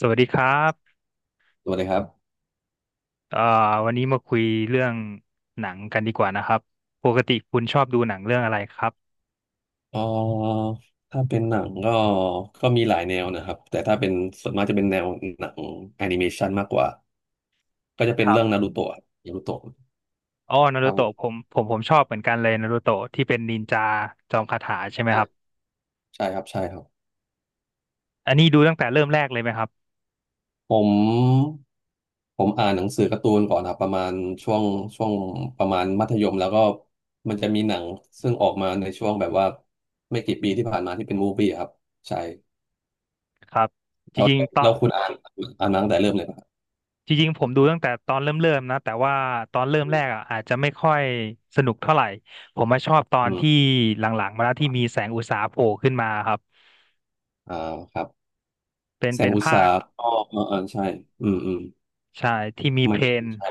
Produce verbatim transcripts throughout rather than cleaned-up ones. สวัสดีครับสวัสดีครับเอ่อวันนี้มาคุยเรื่องหนังกันดีกว่านะครับปกติคุณชอบดูหนังเรื่องอะไรครับเอ่อถ้าเป็นหนังก็ก็มีหลายแนวนะครับ แต่ถ้าเป็นส่วนมากจะเป็นแนวหนังแอนิเมชันมากกว่าก็จะเป็คนรัเรื่องบนารูโตะนารูโตะอ๋อนาครูรับผโตะผมมผมผมชอบเหมือนกันเลยนารูโตะที่เป็นนินจาจอมคาถาใช่ไหมใช่ครับใช่ครับใช่ครับอันนี้ดูตั้งแต่เริ่มแรกเลยไหมครับผมผมอ่านหนังสือการ์ตูนก่อนครับประมาณช่วงช่วงประมาณมัธยมแล้วก็มันจะมีหนังซึ่งออกมาในช่วงแบบว่าไม่กี่ปีที่ผ่านมาที่เป็นมูฟวี่ครับใช่ครับจแล้วริงๆตอแล้นวคุณอ่านอ่านมาตั้งแต่เริ่มเลยป่ะครับจริงๆผมดูตั้งแต่ตอนเริ่มเริ่มนะ แต่ว่าตอนเริ่มแรกอ่ะอาจจะไม่ค่อยสนุกเท่าไหร่ ผมมาชอบตออืนที่มหลังๆมาแล้วที่มีแสงอุตสาหะโผล่ขึ้นมาครับอ่าครับ เป็นแสเป็งนอุตสาภาคหก็เออเออใช่อืมอืมใช่ที่มีมัเพนลก็นใช่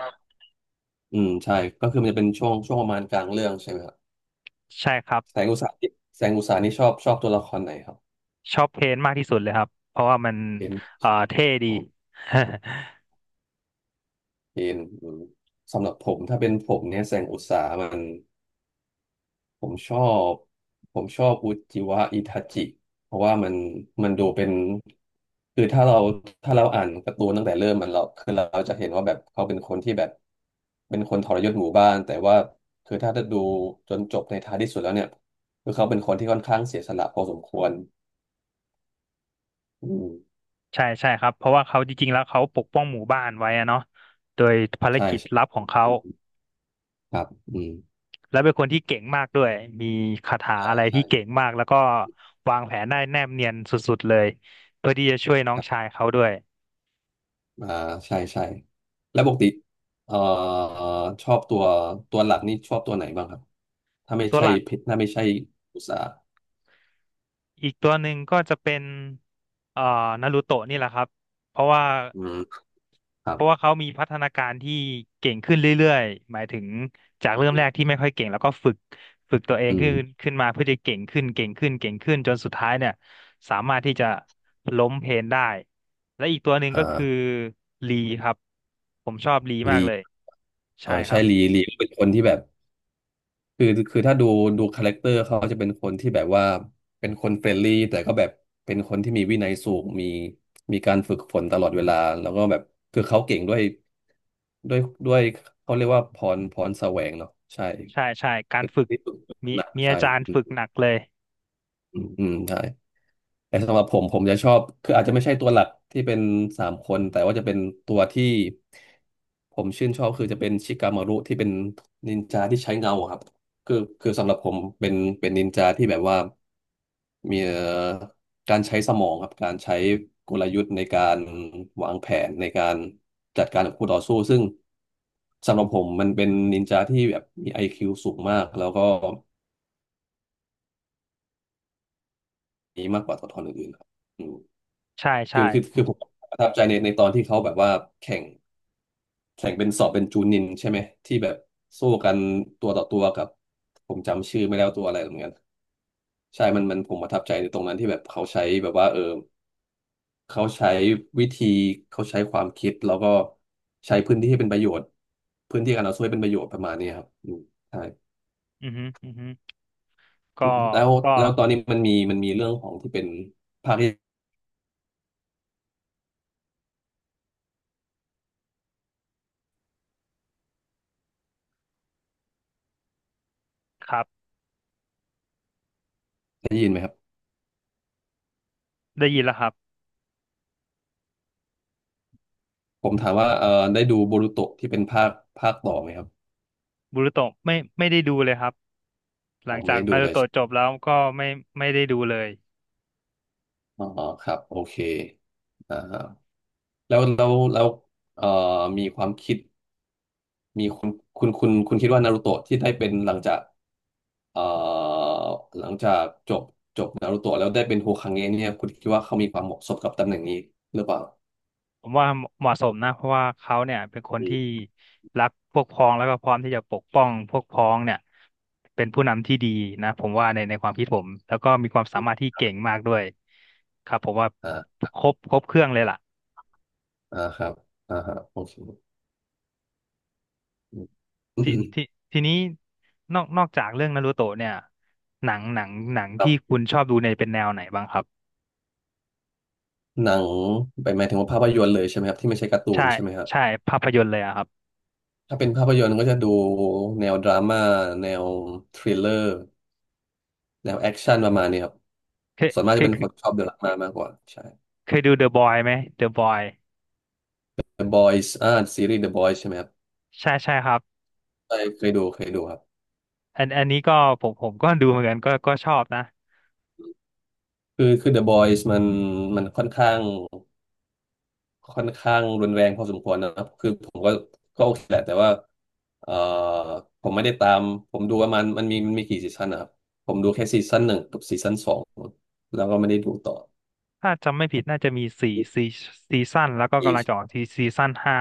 อืมใช่ก็คือมันจะเป็นช่วงช่วงประมาณกลางเรื่องใช่ไหมครับใช่ครับ แสงอุตสาหนี่แสงอุตสาหนี่ชอบชอบตัวละครไหนครับชอบเพนมากที่สุดเลยครับเพราะว่ามันเป็นเอ่อเท่ดี อ๋อ เป็นอืมสำหรับผมถ้าเป็นผมเนี่ยแสงอุตสาหมัน ผมชอบผมชอบอุจิวะอิทาจิเพราะว่ามันมันดูเป็นคือถ้าเราถ้าเราอ่านการ์ตูนตั้งแต่เริ่มมันเราคือเราจะเห็นว่าแบบเขาเป็นคนที่แบบเป็นคนทรยศหมู่บ้านแต่ว่าคือถ้าจะดูจนจบในท้ายที่สุดแล้วเนี่ยคือเขาเป็นคนที่ค่อนข้างเสียสละพอสมควรอืมใช่ใช่ครับเพราะว่าเขาจริงๆแล้วเขาปกป้องหมู่บ้านไว้อะเนาะโดยภารใช่กิจลัใช่บของเขาครับอืมแล้วเป็นคนที่เก่งมากด้วยมีคาถาใช่อะไรใช่ที่เก่งมากแล้วก็วางแผนได้แนบเนียนสุดๆเลยเพื่อที่จะช่วยน้อคงรัชายบเขาด้วยอ่าใช่ใช่แล้วปกติเอ่อชอบตัวตัวหลักนี่ชอบตัวไหนบ้างครับ ถ้าไม่ตัวใช่หลัก เพถ้าไม่ใช่อุตสาหอีกตัวหนึ่งก็จะเป็นเอ่อนารูโตะนี่แหละครับ เพราะว่าอืมครัเพบราะว่าเขามีพัฒนาการที่เก่งขึ้นเรื่อยๆหมายถึงจากเริ่มแรกที่ไม่ค่อยเก่งแล้วก็ฝึก ฝึกตัวเองอืขึ้มนขึ้นมาเพื่อจะเก่งขึ้นเก่งขึ้นเก่งขึ้นจนสุดท้ายเนี่ยสามารถที่จะล้มเพลนได้ และอีกตัวหนึ่งอก็คือ่าลีครับ ผมชอบลีมากลีเลย เอใช่อครัใช่ลีบลีเป็นคนที่แบบคือคือถ้าดูดูคาแรคเตอร์เขาจะเป็นคนที่แบบว่าเป็นคนเฟรนลี่แต่ก็แบบเป็นคนที่มีวินัยสูงมีมีการฝึกฝนตลอดเวลาแล้วก็แบบคือเขาเก่งด้วยด้วยด้วยเขาเรียกว่าพรพรแสวงเนาะใช่ใช่ใช่ การเป็นฝึกที่ฝึกฝมีนหนักมีใช่อาจารย์ฝึกหนักเลยอืมอืมใช่ แต่สำหรับผมผมจะชอบคืออาจจะไม่ใช่ตัวหลักที่เป็นสามคนแต่ว่าจะเป็นตัวที่ผมชื่นชอบคือจะเป็นชิกามารุที่เป็นนินจาที่ใช้เงาอะครับคือคือสำหรับผมเป็นเป็นนินจาที่แบบว่ามีเอ่อการใช้สมองครับการใช้กลยุทธ์ในการวางแผนในการจัดการกับคู่ต่อสู้ซึ่งสำหรับผมมันเป็นนินจาที่แบบมี ไอ คิว สูงมากแล้วก็มีมากกว่าตัวละครอื่นๆครับ ใช่คืใช่อคือคือผมประทับใจในในตอนที่เขาแบบว่าแข่งแข่งเป็นสอบเป็นจูนินใช่ไหมที่แบบสู้กันตัวต่อตัวกับผมจำชื่อไม่ได้ว่าตัวอะไรเหมือนกันใช่ มันมันผมประทับใจในตรงนั้นที่แบบเขาใช้แบบว่าเออเขาใช้วิธีเขาใช้ความคิดแล้วก็ใช้พื้นที่ให้เป็นประโยชน์พื้นที่การเอาช่วยเป็นประโยชน์ประมาณนี้ครับอืมใช่อือฮึอือฮึ ก็แล้วก็แล้วตอนนี้มันมีมันมีเรื่องของที่เป็นภาคที่ครับได้ยินไหมครับได้ยินแล้วครับผมถามว่าเออได้ดูโบรูโตะที่เป็นภาคภาคต่อไหมครับบูรุโตะไม่ไม่ได้ดูเลยครับหลัอ๋องไม่จากได้ดูนารูเลย โตะจบแล้วก็ไม่ไม่ได้ดูเลยอ๋อครับโอเคอ่าแล้วแล้วแล้วเอ่อมีความคิดมีคุณคุณคุณคุณคิดว่านารูโตะที่ได้เป็นหลังจากเอ่อหลังจากจบจบนารูโตะแล้วได้เป็นโฮคาเงะเนี่ยคุณคิดว่าเขามีความเหมาะสมกับตำแหน่งนี้หรือเปล่าผมว่าเหมาะสมนะเพราะว่าเขาเนี่ยเป็นคนอืที่มรักพวกพ้องแล้วก็พร้อมที่จะปกป้องพวกพ้องเนี่ยเป็นผู้นำที่ดีนะผมว่าในในความคิดผมแล้วก็มีความสามารถที่ครัเก่งบมากด้วยครับผมว่าอ่าครบครบเครื่องเลยล่ะอ่าครับอ่าฮะโอเคอืทีมทีทีนี้นอกนอกจากเรื่องนารูโตะเนี่ยหนังหนังหนังครับที่คุณชอบดูเนี่ยเป็นแนวไหนบ้างครับ หนังไปหมายถึงว่าภาพยนตร์เลยใช่ไหมครับที่ไม่ใช่การ์ตูใช่นใช่ไหมครับใช่ภาพยนตร์เลยอะครับถ้าเป็นภาพยนตร์ก็จะดูแนวดราม่าแนวทริลเลอร์ แนวแอคชั่นประมาณนี้ครับเคยส่วนมากเคจะยเป็นเคคยนชอบดูดราม่ามากกว่าใช่ เคยดู The Boy ไหม The Boy The Boys อ่าซีรีส์ The Boys ใช่ไหมครับใช่ใช่ครับใช่เคยดูเคยดูครับอันอันนี้ก็ผมผมก็ดูเหมือนกันก็ก็ชอบนะคือคือ The Boys มันมันค่อนข้างค่อนข้างรุนแรงพอสมควรนะครับคือผมก็ก็โอเคแหละแต่ว่าเอ่อผมไม่ได้ตามผมดูว่ามันมันมีมันมีกี่ซีซั่นนะครับผมดูแค่ซีซั่นหนึ่งกับซีซั่นสองแล้วก็ไม่ได้ดูต่อถ้าจำไม่ผิดน่าจะมีสี่ซีซีซั่นแล้วก็กำลังจะออกที่ซีซั่นห้า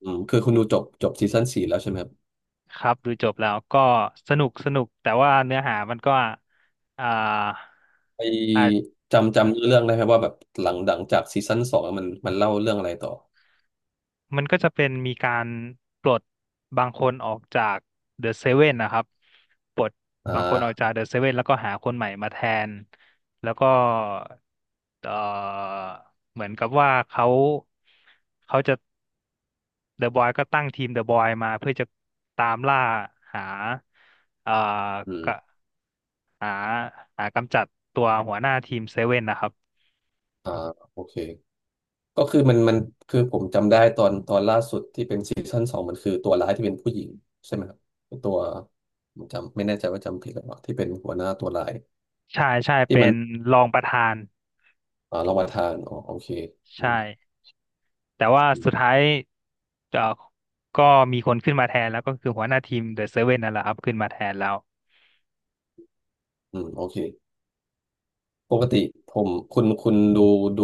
อืมคือคุณดูจบจบซีซั่นสี่แล้วใช่ไหมครับ ครับดูจบแล้วก็สนุกสนุกแต่ว่าเนื้อหามันก็อ่า ไอจำจำเรื่องได้ไหมว่าแบบหลังหลังจากซีซั่นสองอะมันมันเล่าเรื่องอะไรต่อมันก็จะเป็นมีการปลดบางคนออกจากเดอะเซเว่นนะครับปลดอ่บางคนออกาจากเดอะเซเว่นแล้วก็หาคนใหม่มาแทนแล้วก็เอ่อเหมือนกับว่าเขาเขาจะเดอะบอยก็ตั้งทีมเดอะบอยมาเพื่อจะตามล่าหาเอ่ออืมกะหาหากำจัดตัวหัวหน้าทีมเซเว่นนะครับอ่าโอเคก็คือมันมันคือผมจำได้ตอนตอนล่าสุดที่เป็นซีซั่นสองมันคือตัวร้ายที่เป็นผู้หญิงใช่ไหมครับเป็นตัวผมจำไม่แน่ใจว่าจำผิดหรือเปล่าที่เป็นหัวหน้าตัวร้ายใช่ใช่ที่เป็มันนรองประธานอ่าเรามาทานอ๋อโอเคอืมใช่ แต่ว่าอืมสุดท้ายเอ่อก็มีคนขึ้นมาแทนแล้วก็คือหัวหน้าทีมเดอะเซเว่นนั่นแหละครับขึ้นมาแทนแล้วอืมโอเคปกติผมคุณคุณดูดู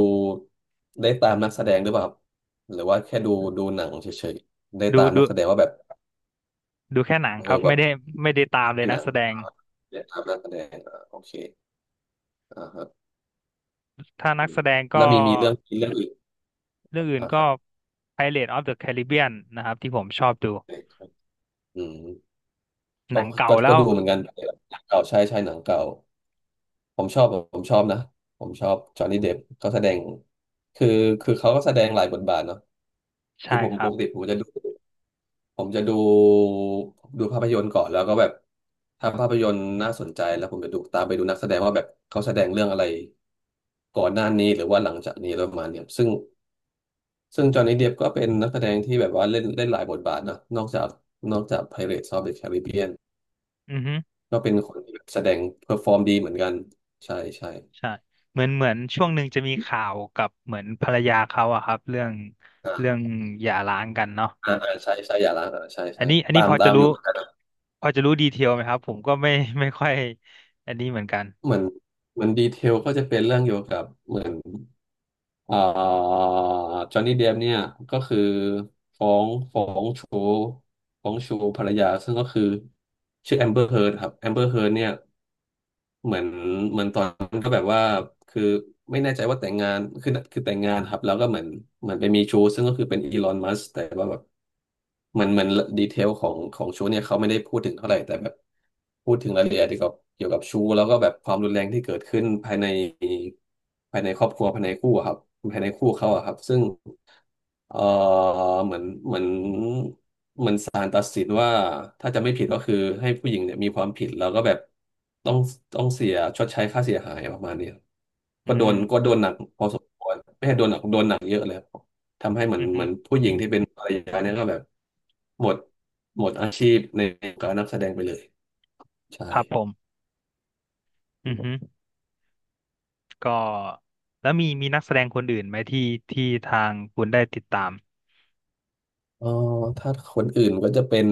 ได้ตามนักแสดงหรือเปล่าครับหรือว่าแค่ดูดูหนังเฉยๆได้ดูตามดูนักแสดงว่าแบบ ดูแค่หนังเอครับอแบไม่บได้ไม่ได้ตามเลยเป็นหนักนังแสดงเนียกตมนักแสดงอ่าโอเคอ่าฮะถ้านัอืกแสมดงก็แล้วมีมีเรื่องมีเรื่องอื่นเรื่องอื่นอ่าคก็ รับ Pirates of the Caribbean นะครับที่ผมชอบดูอืมหก็นังเก่าก็แล้ก็วดูเหมือนกันหนังเก่าใช่ใช่หนังเก่าผมชอบผมชอบนะผมชอบจอห์นนี่เดปเขาแสดงคือคือเขาก็แสดงหลายบทบาทเนาะคือใช่ผมคปรับกติผมจะดู ผมจะดูดูภาพยนตร์ก่อนแล้วก็แบบถ้าภาพยนตร์น่าสนใจแล้วผมจะดูตามไปดูนักแสดงว่าแบบเขาแสดงเรื่องอะไรก่อนหน้านี้หรือว่าหลังจากนี้แล้วประมาณเนี้ยซึ่งซึ่งจอห์นนี่เดปก็เป็นนักแสดงที่แบบว่าเล่นเล่นหลายบทบาทนะนอกจากนอกจาก Pirates of the Caribbean อือฮึก็เป็นคนที่แบบแสดงเพอร์ฟอร์มดีเหมือนกันใช่ใช่ใช่เหมือนเหมือนช่วงหนึ่งจะมีข่าวกับเหมือนภรรยาเขาอะครับเรื่องอ่เรื่องาหย่าร้างกันเนาะอ่าอ่าใช่ใช่อย่าล้างอ่าใช่อัใช่นนี้อันตานี้พมอตาจะมรู้ อยู่เหมือนกันนะพอจะรู้ดีเทลไหมครับผมก็ไม่ ไม่ค่อยอันนี้เหมือนกันเหมือนเหมือนดีเทลก็จะเป็นเรื่องเกี่ยวกับเหมือน เอ่อจอห์นนี่เดปเนี่ยก็คือฟ้องฟ้องชู้ฟ้องชู้ภรรยาซึ่งก็คือชื่อแอมเบอร์เฮิร์ดครับแอมเบอร์เฮิร์ดเนี่ย เหมือนเหมือนตอนนั้นก็แบบว่าคือไม่แน่ใจว่าแต่งงานคือคือแต่งงานครับแล้วก็เหมือนเหมือนไปมีชู้ซึ่งก็คือเป็นอีลอนมัสแต่ว่าแบบเหมือนเหมือนดีเทลของของชู้เนี่ยเขาไม่ได้พูดถึงเท่าไหร่แต่แบบพูดถึงรายละเอียดเกี่ยวกับเกี่ยวกับชู้แล้วก็แบบความรุนแรงที่เกิดขึ้นภายในภายในครอบครัวภายในคู่อะครับภายในคู่เขาอะครับซึ่ง เอ่อเหมือนเหมือนเหมือนศาลตัดสินว่าถ้าจะไม่ผิดก็คือให้ผู้หญิงเนี่ยมีความผิดแล้วก็แบบต้องต้องเสียชดใช้ค่าเสียหายประมาณเนี้ยอืก็โดนก็มโดนหนักพอสมควรไม่ใช่โดนหนักโดนหนักเยอะเลยครับทำให้เหมือนอือฮึเหมือนผู้หญิงที่เป็นภรรยาเนี่ยก็แบบหมดหมดอาชีพในการนักแสดงไปเลยใช่ครับผมอือฮึก็แล้วมีมีนักแสดงคนอื่นไหมที่ที่ทางคุณได้ติดตามเออถ้าคนอื่นก็จะเป็น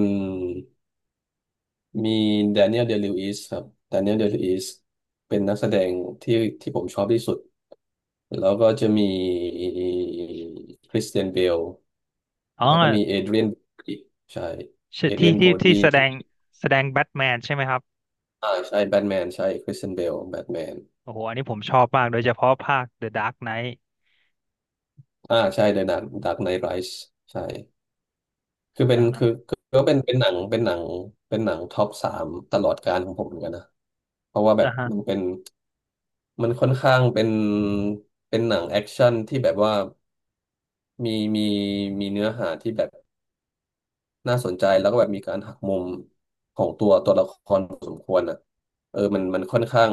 มีแดเนียลเดลิวอิสครับแดเนียลเดลิวอิสเป็นนักแสดงที่ที่ผมชอบที่สุดแล้วก็จะมีคริสเตียนเบลอ๋อแล้วก็มีเอเดรียนใช่ชื่เออเดรียที่นโบรที่ที่ดีแสดที่งแสดงแบทแมนใช่ไหมครับอ่าใช่แบทแมนใช่คริสเตียนเบลแบทแมนโอ้โหอันนี้ผมชอบมากโดยเฉพาะภาค The Dark Knight อ่าใช่เดอะดาร์กไนท์ไรส์ใช่ คือเป็อ่านฮะคือคือก็เป็นเป็นหนังเป็นหนังเป็นหนังท็อปสามตลอดกาลของผมเหมือนกันนะเพราะว่าแบอ่าบฮะมันเป็นมันค่อนข้างเป็นเป็นหนังแอคชั่นที่แบบว่ามีมีมีเนื้อหาที่แบบ น่าสนใจแล้วก็แบบมีการหักมุมของตัวตัวละครพอสมควรอ่ะเออมันมันค่อนข้าง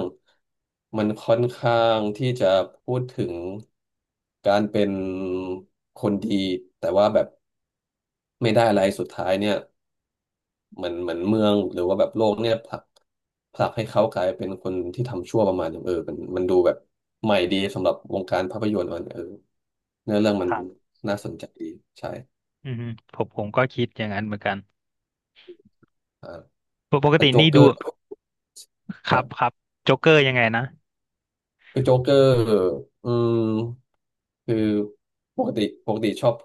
มันค่อนข้างที่จะพูดถึงการเป็นคนดีแต่ว่าแบบไม่ได้อะไรสุดท้ายเนี่ยเหมือนเหมือนเมืองหรือว่าแบบโลกเนี่ยผลักผลักให้เขากลายเป็นคนที่ทำชั่วประมาณนึงเออมันมันดูแบบใหม่ดีสำหรับวงการภาพยนตร์มันเออเนื้อเรื่องมัคนรับน่าสนใจดีใช่อือฮึผมผมก็คิดอย่างนั้นเหมือนกันอ่ากปกแต่ติโจ๊กนี่เกอดูร์คครัรับคบ รับโจ๊กเกอร์ยังไงนะ คือโจ๊กเกอร์อืมคือปกติปกติชอบ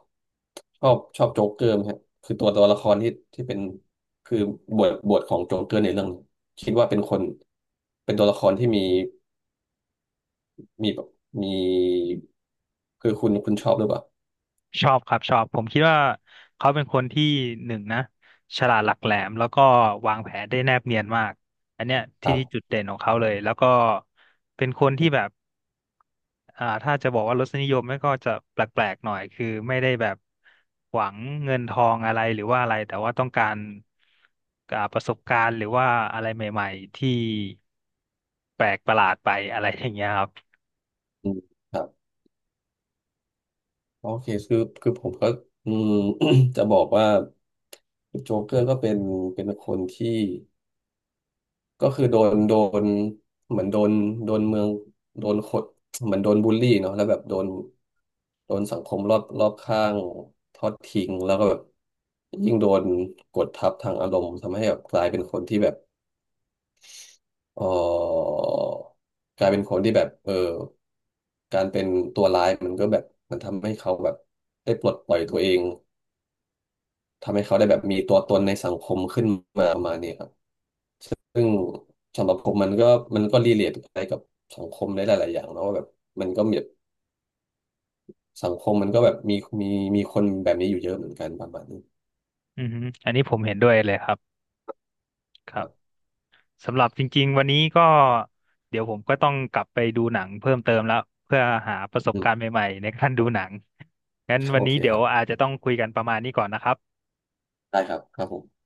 ชอบชอบโจ๊กเกอร์ไหมฮะคือตัวตัวละครที่ที่เป็นคือบทบทของโจ๊กเกอร์ในเรื่องนี้คิดว่าเป็นคนเป็นตัวละครที่มีมีแบบมีคือคุณคุณชอบหรือเปล่าชอบครับชอบผมคิดว่าเขาเป็นคนที่หนึ่งนะฉลาดหลักแหลมแล้วก็วางแผนได้แนบเนียนมากอันเนี้ยคที่รัที่จุบดเด่นของเขาเลยแล้วก็เป็นคนที่แบบอ่าถ้าจะบอกว่ารสนิยมไม่ก็จะแปลกๆหน่อยคือไม่ได้แบบหวังเงินทองอะไรหรือว่าอะไรแต่ว่าต้องการอ่าประสบการณ์หรือว่าอะไรใหม่ๆที่แปลกประหลาดไปอะไรอย่างเงี้ยครับอืมครับโอเคคือคือผมก็อืม จะบอกว่าโจ๊กเกอร์ก็เป็นเป็นคนที่ ก็คือโดนโดนเหมือนโดนโดนเมืองโดนขดเหมือนโดนบูลลี่เนาะแล้วแบบโดนโดนสังคมรอบรอบข้างทอดทิ้งแล้วก็แบบยิ่งโดนกดทับทางอารมณ์ทำให้แบบกลายเป็นคนที่แบบเออกลายเป็นคนที่แบบเออการเป็นตัวร้ายมันก็แบบมันทำให้เขาแบบได้ปลดปล่อยตัวเองทำให้เขาได้แบบมีตัวตนในสังคมขึ้นมาประมาณนี้ครับ ซึ่งสำหรับผมมันก็มันก็รีเลทไปกับสังคมในหลาย ๆ อย่างเนอะว่าแบบมันก็มีแบบสังคมมันก็แบบมีมีมีคนแบบนี้อยู่เยอะเหมือนกันประมาณนี้อือฮึอันนี้ผมเห็นด้วยเลยครับครัคบ รับสำหรับจริงๆวันนี้ก็เดี๋ยวผมก็ต้องกลับไปดูหนังเพิ่มเติมแล้วเพื่อหาประสบอืมการณ์ใหม่ๆในการดูหนังงั้นวัโอนนี้เคเดี๋คยวรับอาจจะต้องคุยกันประมาณนี้ก่อนนะครับได้ครับครับผม